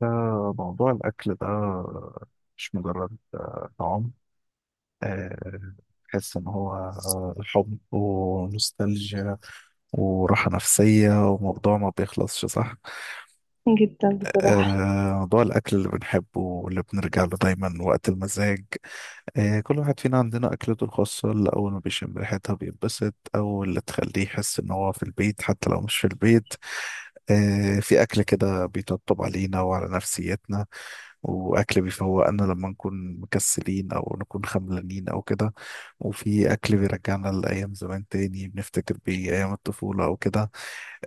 فموضوع الأكل ده مش مجرد طعام. آه، تحس إن هو حب ونوستالجيا وراحة نفسية وموضوع ما بيخلصش، صح؟ جدا بصراحة. موضوع الأكل اللي بنحبه واللي بنرجع له دايما وقت المزاج. كل واحد فينا عندنا أكلته الخاصة اللي أول ما بيشم ريحتها بينبسط، أو اللي تخليه يحس إن هو في البيت حتى لو مش في البيت. في أكل كده بيطبطب علينا وعلى نفسيتنا، وأكل بيفوقنا لما نكون مكسلين أو نكون خملانين أو كده، وفي أكل بيرجعنا لأيام زمان تاني بنفتكر بيه أيام الطفولة أو كده.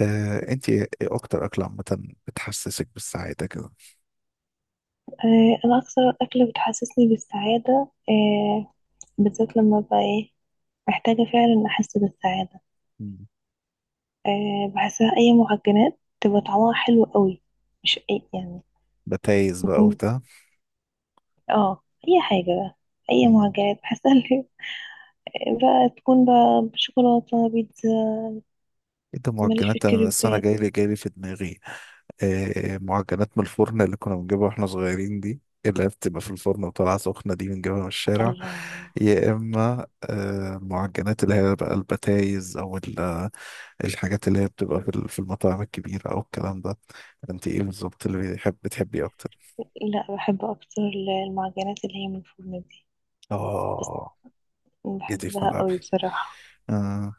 أنت إيه أكتر أكل عامة بتحسسك بالسعادة كده؟ أنا أكثر أكلة بتحسسني بالسعادة، بالذات لما أبقى إيه، محتاجة فعلا أحس بالسعادة. مم. بحسها أي معجنات تبقى طعمها حلو قوي، مش أي يعني. بتايز بقى يكون وبتاع. أي حاجة بقى، أي معجنات بحسها اللي بقى تكون بقى بشوكولاتة بيتزا. ايه ده ماليش في معجنات، انا بس انا الكريبات. جاي لي جاي لي في دماغي. آه، معجنات من الفرن اللي كنا بنجيبها واحنا صغيرين دي، اللي هي بتبقى في الفرن وطالعه سخنه دي، بنجيبها من الشارع. الله. يا اما آه معجنات اللي هي بقى البتايز، او الحاجات اللي هي بتبقى في في المطاعم الكبيره او الكلام ده. انت ايه بالظبط اللي بتحبي اكتر؟ لا بحب أكتر المعجنات اللي هي من الفرن دي، بس اه، جيتي في بحبها ملعبي. قوي بصراحة. آه،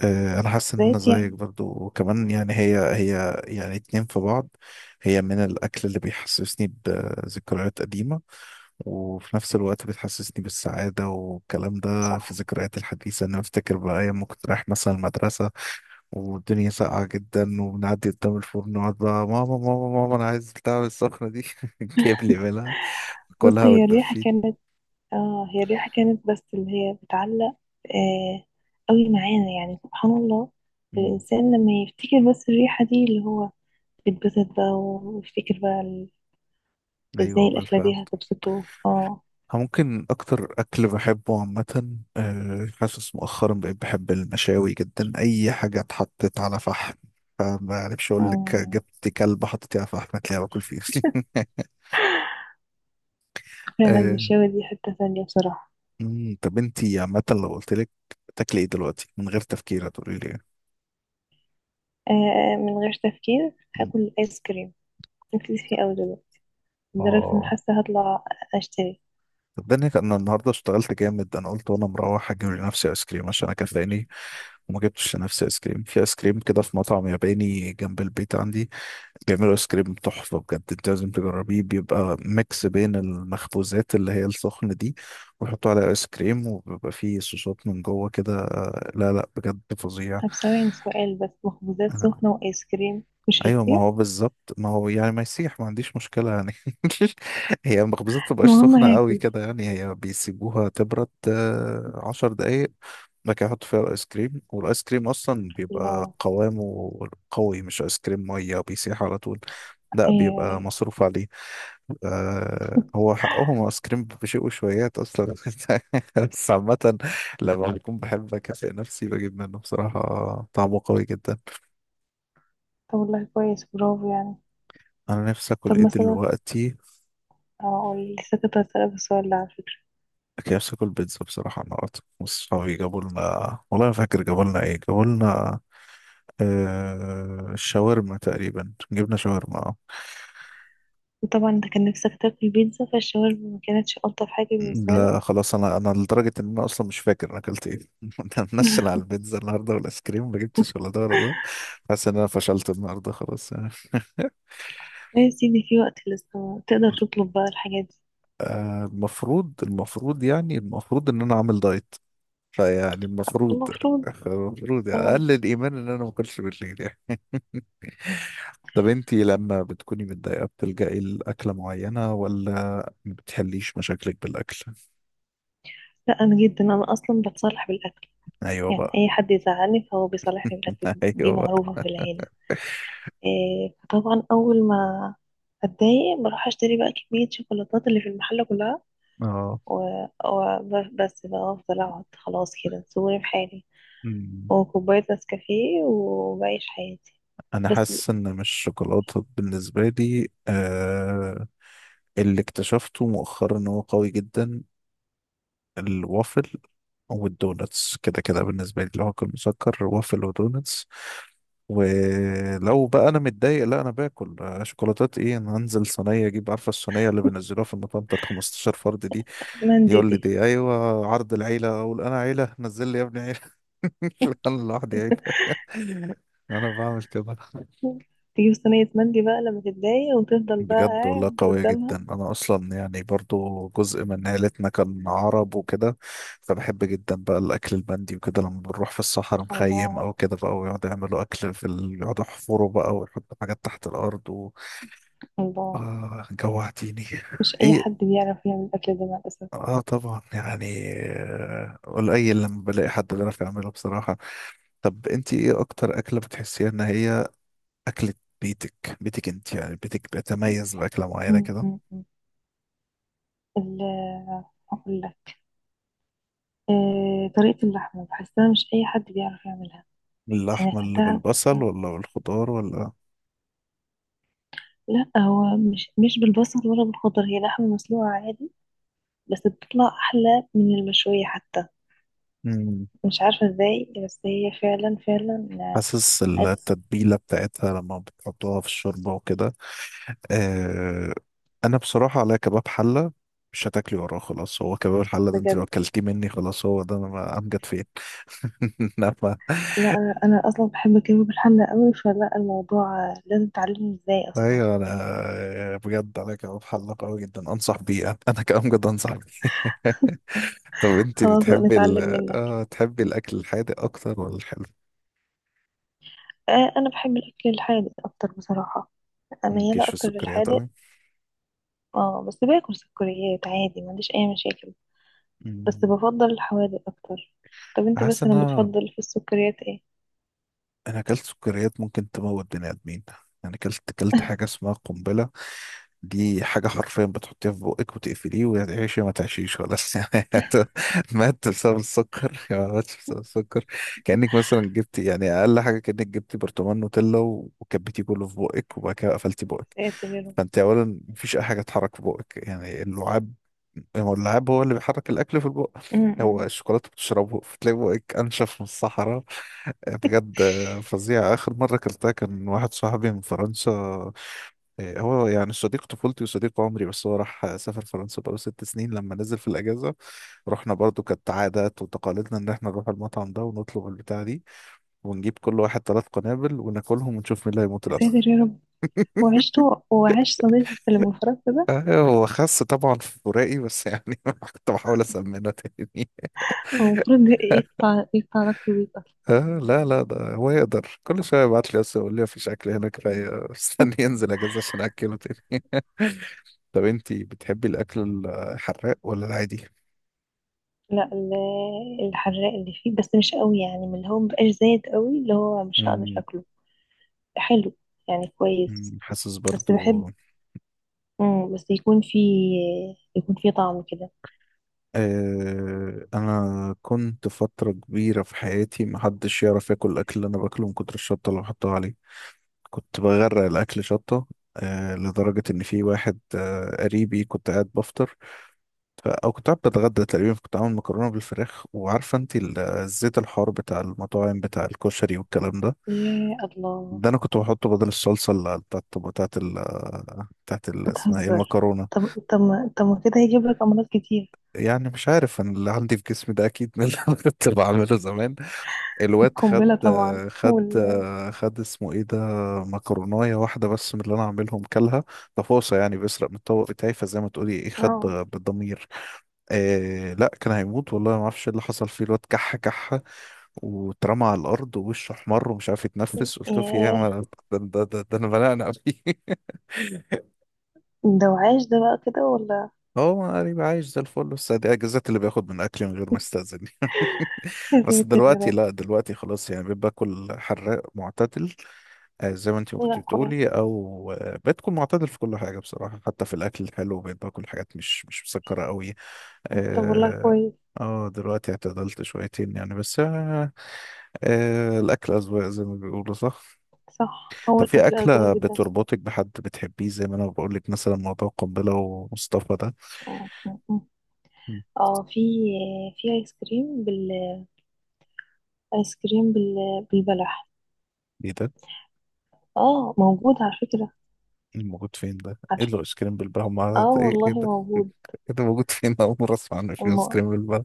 انا حاسس ان انا زيت زيك يعني. برضو، وكمان يعني هي يعني اتنين في بعض. هي من الاكل اللي بيحسسني بذكريات قديمة، وفي نفس الوقت بتحسسني بالسعادة والكلام ده في صح. ذكريات الحديثة. انا افتكر بقى ايام ما كنت رايح مثلا المدرسة والدنيا ساقعة جدا، وبنعدي قدام الفرن ونقعد بقى ماما ماما ماما انا عايز بتاع السخنة دي جيب لي منها. بص كلها هي الريحة وتدفيت. كانت، اه هي الريحة كانت بس اللي هي بتعلق آه قوي معانا يعني سبحان الله. مم. الإنسان لما يفتكر بس الريحة دي اللي هو بيتبسط بقى ويفتكر بقى ازاي ايوه الأكلة بالفعل. دي هتبسطه. اه. ممكن أكتر أكل بحبه عامة، آه، حاسس مؤخرا بقيت بحب المشاوي جدا، أي حاجة اتحطت على فحم. فما أعرفش أقول لك، آه، جبت كلب حطيتيه على فحم هتلاقيه باكل فيه. فعلا آه، المشاوي دي حتة تانية بصراحة. مم، طب أنتي عامة لو قلت لك تاكلي إيه دلوقتي من غير تفكير هتقولي لي إيه؟ من غير تفكير مم. هاكل آيس كريم، نفسي فيه أوي دلوقتي، لدرجة إن آه حاسة هطلع أشتري. طب ده أنا النهاردة اشتغلت جامد، أنا قلت وأنا مروح أجيب لنفسي آيس كريم عشان أنا كفاياني، وما جبتش لنفسي آيس كريم. في آيس كريم كده في مطعم ياباني جنب البيت عندي، بيعملوا ايس كريم تحفة بجد، انت لازم تجربيه. بيبقى ميكس بين المخبوزات اللي هي السخنة دي، ويحطوا عليها ايس كريم، وبيبقى فيه صوصات من جوه كده. آه، لا بجد فظيع. طب ثواني سؤال بس، مخبوزات آه، سخنة وآيس كريم مش ايوه ما هيصير؟ هو بالظبط، ما هو يعني ما يسيح، ما عنديش مشكله يعني. هي المخبوزات ما بتبقاش المهم سخنه قوي هاكل. كده يعني، هي بيسيبوها تبرد آه، 10 دقايق، بعد كده يحطوا فيها الايس كريم، والايس كريم اصلا بيبقى الله. قوامه قوي، مش ايس كريم ميه بيسيح على طول، لا بيبقى أيوه. مصروف عليه. آه هو حقهم ايس كريم بشيء وشويات اصلا. بس عامة لما بكون بحب اكافئ نفسي بجيب منه بصراحة، طعمه قوي جدا. طب والله كويس برافو يعني. انا نفسي اكل طب ايه مثلا دلوقتي؟ اقول، لسه كنت هسألك السؤال ده على فكرة. كيف اكل بيتزا بصراحه. النهارده وصحابي جابوا لنا، والله ما فاكر جابوا لنا ايه، جابوا لنا شاورما تقريبا، جبنا شاورما آه. وطبعا انت كان نفسك تاكل بيتزا، فالشاورما ما كانتش ألطف حاجة مم. بالنسبة لك. لا خلاص انا، انا لدرجه ان انا اصلا مش فاكر انا اكلت ايه. انا منشل على البيتزا النهارده، والايس كريم ما جبتش، ولا ده ولا ده. حاسس ان انا فشلت النهارده خلاص يعني. بس ان في وقت لسه تقدر تطلب بقى الحاجات دي. آه، المفروض يعني، المفروض ان انا عامل دايت، فيعني المفروض، المفروض. المفروض يعني اه. اقل الايمان ان انا ما اكلش بالليل يعني. طب انتي لما بتكوني متضايقة بتلجأي لأكلة معينة، ولا ما بتحليش مشاكلك بالأكل؟ لا انا جدا، انا اصلا بتصالح بالاكل، أيوه يعني بقى. اي حد يزعلني فهو بيصالحني بالاكل، دي أيوه بقى. معروفة في العيلة. إيه فطبعا اول ما اتضايق بروح اشتري بقى كمية شوكولاتات اللي في المحل كلها. اه. وبس بقى افضل اقعد خلاص كده صوري في حالي، مم. وكوباية نسكافيه وبعيش حياتي. أنا بس. حاسس إن مش الشوكولاتة بالنسبة لي، آه اللي اكتشفته مؤخرا إن هو قوي جدا الوافل والدونتس. كده كده بالنسبة لي لو هاكل مسكر، وافل ودونتس. ولو بقى أنا متضايق، لا أنا باكل شوكولاتات إيه، أنا هنزل صينية أجيب، عارفة الصينية اللي بينزلوها في المطعم بتاعت 15 فرد دي؟ مندي يقول لي دي؟ دي ايوه عرض العيله، اقول انا عيله، نزل لي يا ابني عيله. انا لوحدي عيله. انا بعمل كده. تجيب صينية مندي بقى لما تتضايق وتفضل بقى بجد والله قاعد قويه جدا. قدامها. انا اصلا يعني برضو جزء من عيلتنا كان عرب وكده، فبحب جدا بقى الاكل البندي وكده. لما بنروح في الصحراء نخيم الله. او كده بقى، ويقعدوا يعملوا اكل في يقعدوا يحفروا بقى ويحطوا حاجات تحت الارض و... الله. آه جوعتيني. مش أي ايه. حد بيعرف يعمل الأكل ده مع الأسف. اه طبعا يعني، آه، قليل لما بلاقي حد بيعرف يعمله بصراحه. طب انت ايه اكتر اكله بتحسيها ان هي اكله بيتك؟ بيتك انت يعني، بيتك بيتميز باكله معينه م- كده؟ م- م. ال هقول لك، طريقة اللحمة بحسها مش أي حد بيعرف يعملها. يعني اللحمه اللي أكلتها، بالبصل ولا بالخضار ولا؟ لا هو مش بالبصل ولا بالخضر، هي لحمة مسلوقة عادي بس بتطلع أحلى من المشوية حتى. مم. مش عارفة ازاي، بس هي فعلا حاسس عز. التتبيله بتاعتها لما بتحطوها في الشوربه وكده. آه. انا بصراحه على كباب حله، مش هتاكلي وراه خلاص. هو كباب الحله ده انت بجد. لو اكلتيه مني خلاص، هو ده انا، امجد فين. انما لا أنا أصلا بحب الكباب الحلة قوي، فلا الموضوع لازم تعلمني ازاي أصلا. ايوه انا آه، بجد على كباب حله قوي جدا، انصح بيه، انا كامجد انصح بيه. طب انت خلاص بقى بتحبي نتعلم منك. اه، تحبي الاكل الحادق اكتر ولا الحلو؟ أنا بحب الأكل الحادق أكتر بصراحة، ميالة مالكيش في أكتر السكريات للحادق. قوي. اه بس باكل سكريات عادي، ما عنديش أي مشاكل، بس مم. بفضل الحوادق أكتر. طب انت حاسس بس ان أنا انا بتفضل في السكريات ايه؟ انا اكلت سكريات ممكن تموت بني ادمين، يعني اكلت حاجه اسمها قنبله. دي حاجة حرفيا بتحطيها في بقك وتقفليه، وتعيشي ما تعيشيش خلاص. يعني مات بسبب السكر يا ما ماتش بسبب السكر. كأنك مثلا جبتي يعني أقل حاجة كأنك جبتي برطمان نوتيلا وكبتيه كله في بقك، وبعد كده قفلتي بقك. يا ساتر يا رب. فأنت أولا مفيش أي حاجة تتحرك في بقك، يعني اللعاب، هو اللعاب هو اللي بيحرك الأكل في البق. م- هو م. الشوكولاتة بتشربه، فتلاقي بقك أنشف من الصحراء. بجد فظيع. آخر مرة أكلتها كان واحد صاحبي من فرنسا، إيه، هو يعني صديق طفولتي وصديق عمري، بس هو راح سافر فرنسا بقاله 6 سنين. لما نزل في الأجازة رحنا، برضو كانت عادات وتقاليدنا إن احنا نروح المطعم ده ونطلب البتاع دي، ونجيب كل واحد 3 قنابل وناكلهم ونشوف مين اللي هيموت يا الأول. ساتر يا رب. وعشت، وعاش صديقك اللي من فرنسا ده. آه، هو خس طبعا في فراقي بس يعني كنت بحاول أسمنه تاني. هو المفروض ده يقطع يقطع علاقته بيك أصلا. لا، ده هو يقدر كل شوية يبعت لي، بس يقول لي مفيش أكل هنا كفاية، استني ينزل أجازة عشان أكله تاني. طب أنتي بتحبي الأكل الحراق ولا العادي؟ لا الحراق اللي فيه بس مش قوي يعني، من اللي هو مبقاش زايد قوي اللي هو مش هقدر أكله. حلو يعني، كويس. مم، حاسس بس برضو. بحب، بس يكون فيه، يكون فيه طعم كده. آه انا كنت فترة كبيرة في حياتي محدش يعرف ياكل الاكل اللي انا باكله من كتر الشطة اللي بحطها عليه، كنت بغرق الاكل شطة. آه لدرجة ان في واحد آه قريبي، كنت قاعد بفطر ف... او كنت قاعد بتغدى تقريبا، كنت عامل مكرونة بالفراخ، وعارفة انت الزيت الحار بتاع المطاعم بتاع الكشري والكلام ده، يا الله. ده انا كنت بحطه بدل الصلصة اللي بتاعت بتاعت اسمها ايه بتهزر؟ المكرونة. طب طب طب ما كده هيجيب لك أمراض كتير. يعني مش عارف، انا اللي عندي في جسمي ده اكيد من اللي انا كنت بعمله زمان. الواد خد القنبلة طبعا خد خد اسمه ايه ده، مكرونايه واحده بس من اللي انا عاملهم، كلها تفاصيل يعني، بيسرق من الطبق بتاعي، فزي ما تقولي ايه، خد اه. بالضمير. آه لا كان هيموت، والله ما اعرفش إيه اللي حصل فيه، الواد كح كح واترمى على الارض ووشه احمر ومش عارف يتنفس، قلت له في ايه يا ياه. ده انا بنقنق فيه. ده وعاش ده بقى كده ولا؟ هو قريب عايش زي الفل، بس دي اجازات اللي بياخد من اكلي من غير ما يستأذن. يا بس ساتر يا دلوقتي رب. لا، دلوقتي خلاص يعني، بيبقى باكل حراق معتدل. آه، زي ما انت يا كنت القرآن. بتقولي، او آه، بتكون معتدل في كل حاجه بصراحه، حتى في الاكل الحلو بقيت باكل حاجات مش مسكره قوي. طب والله اه. كويس. آه، دلوقتي اعتدلت شويتين يعني بس آه. آه الاكل اذواق زي ما بيقولوا، صح؟ صح هو طب في الأكل أزرق اكله جدا. بتربطك بحد بتحبيه زي ما انا بقول لك مثلا موضوع القنبله ومصطفى ده؟ م- م- م. مم. اه في، في ايس كريم بالايس كريم بالبلح. ايه ده؟ اه موجود على فكرة. موجود فين ده؟ ايه عارفة. اللي ايس كريم بالبلبن؟ اه ايه والله ايه ده؟ موجود. ايه ده موجود فين؟ أول مرة أسمع عنه، في ايس الم... كريم بالبلبن؟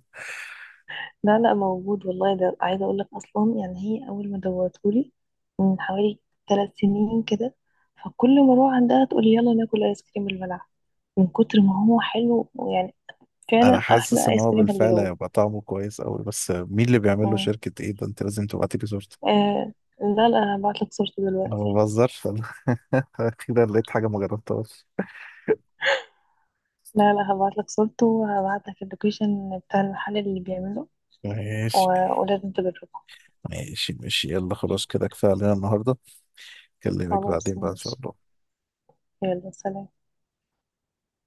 لا لا موجود والله، ده عايزة أقول لك أصلا، يعني هي أول ما دوتهولي من حوالي 3 سنين كده، فكل ما أروح عندها تقولي يلا ناكل آيس كريم بالبلح. من كتر ما هو حلو ويعني أنا فعلا حاسس أحلى إن آيس هو كريم بالفعل هتجربه. هيبقى طعمه كويس أوي، بس مين اللي بيعمل له، مم. شركة ايه ده؟ أنت لازم تبعتي لي صورته. آه لا لا، أنا هبعتلك صورته أنا ما دلوقتي. بهزرش أنا. أخيرا لقيت حاجة ما جربتهاش. لا لا هبعت لك صورته، وهبعت لك اللوكيشن بتاع المحل اللي بيعمله، و... ماشي ولازم تجربه. ماشي، يلا خلاص كده كفاية علينا النهاردة. أكلمك بعدين خلاص بقى إن شاء ماشي. الله. يلا سلام.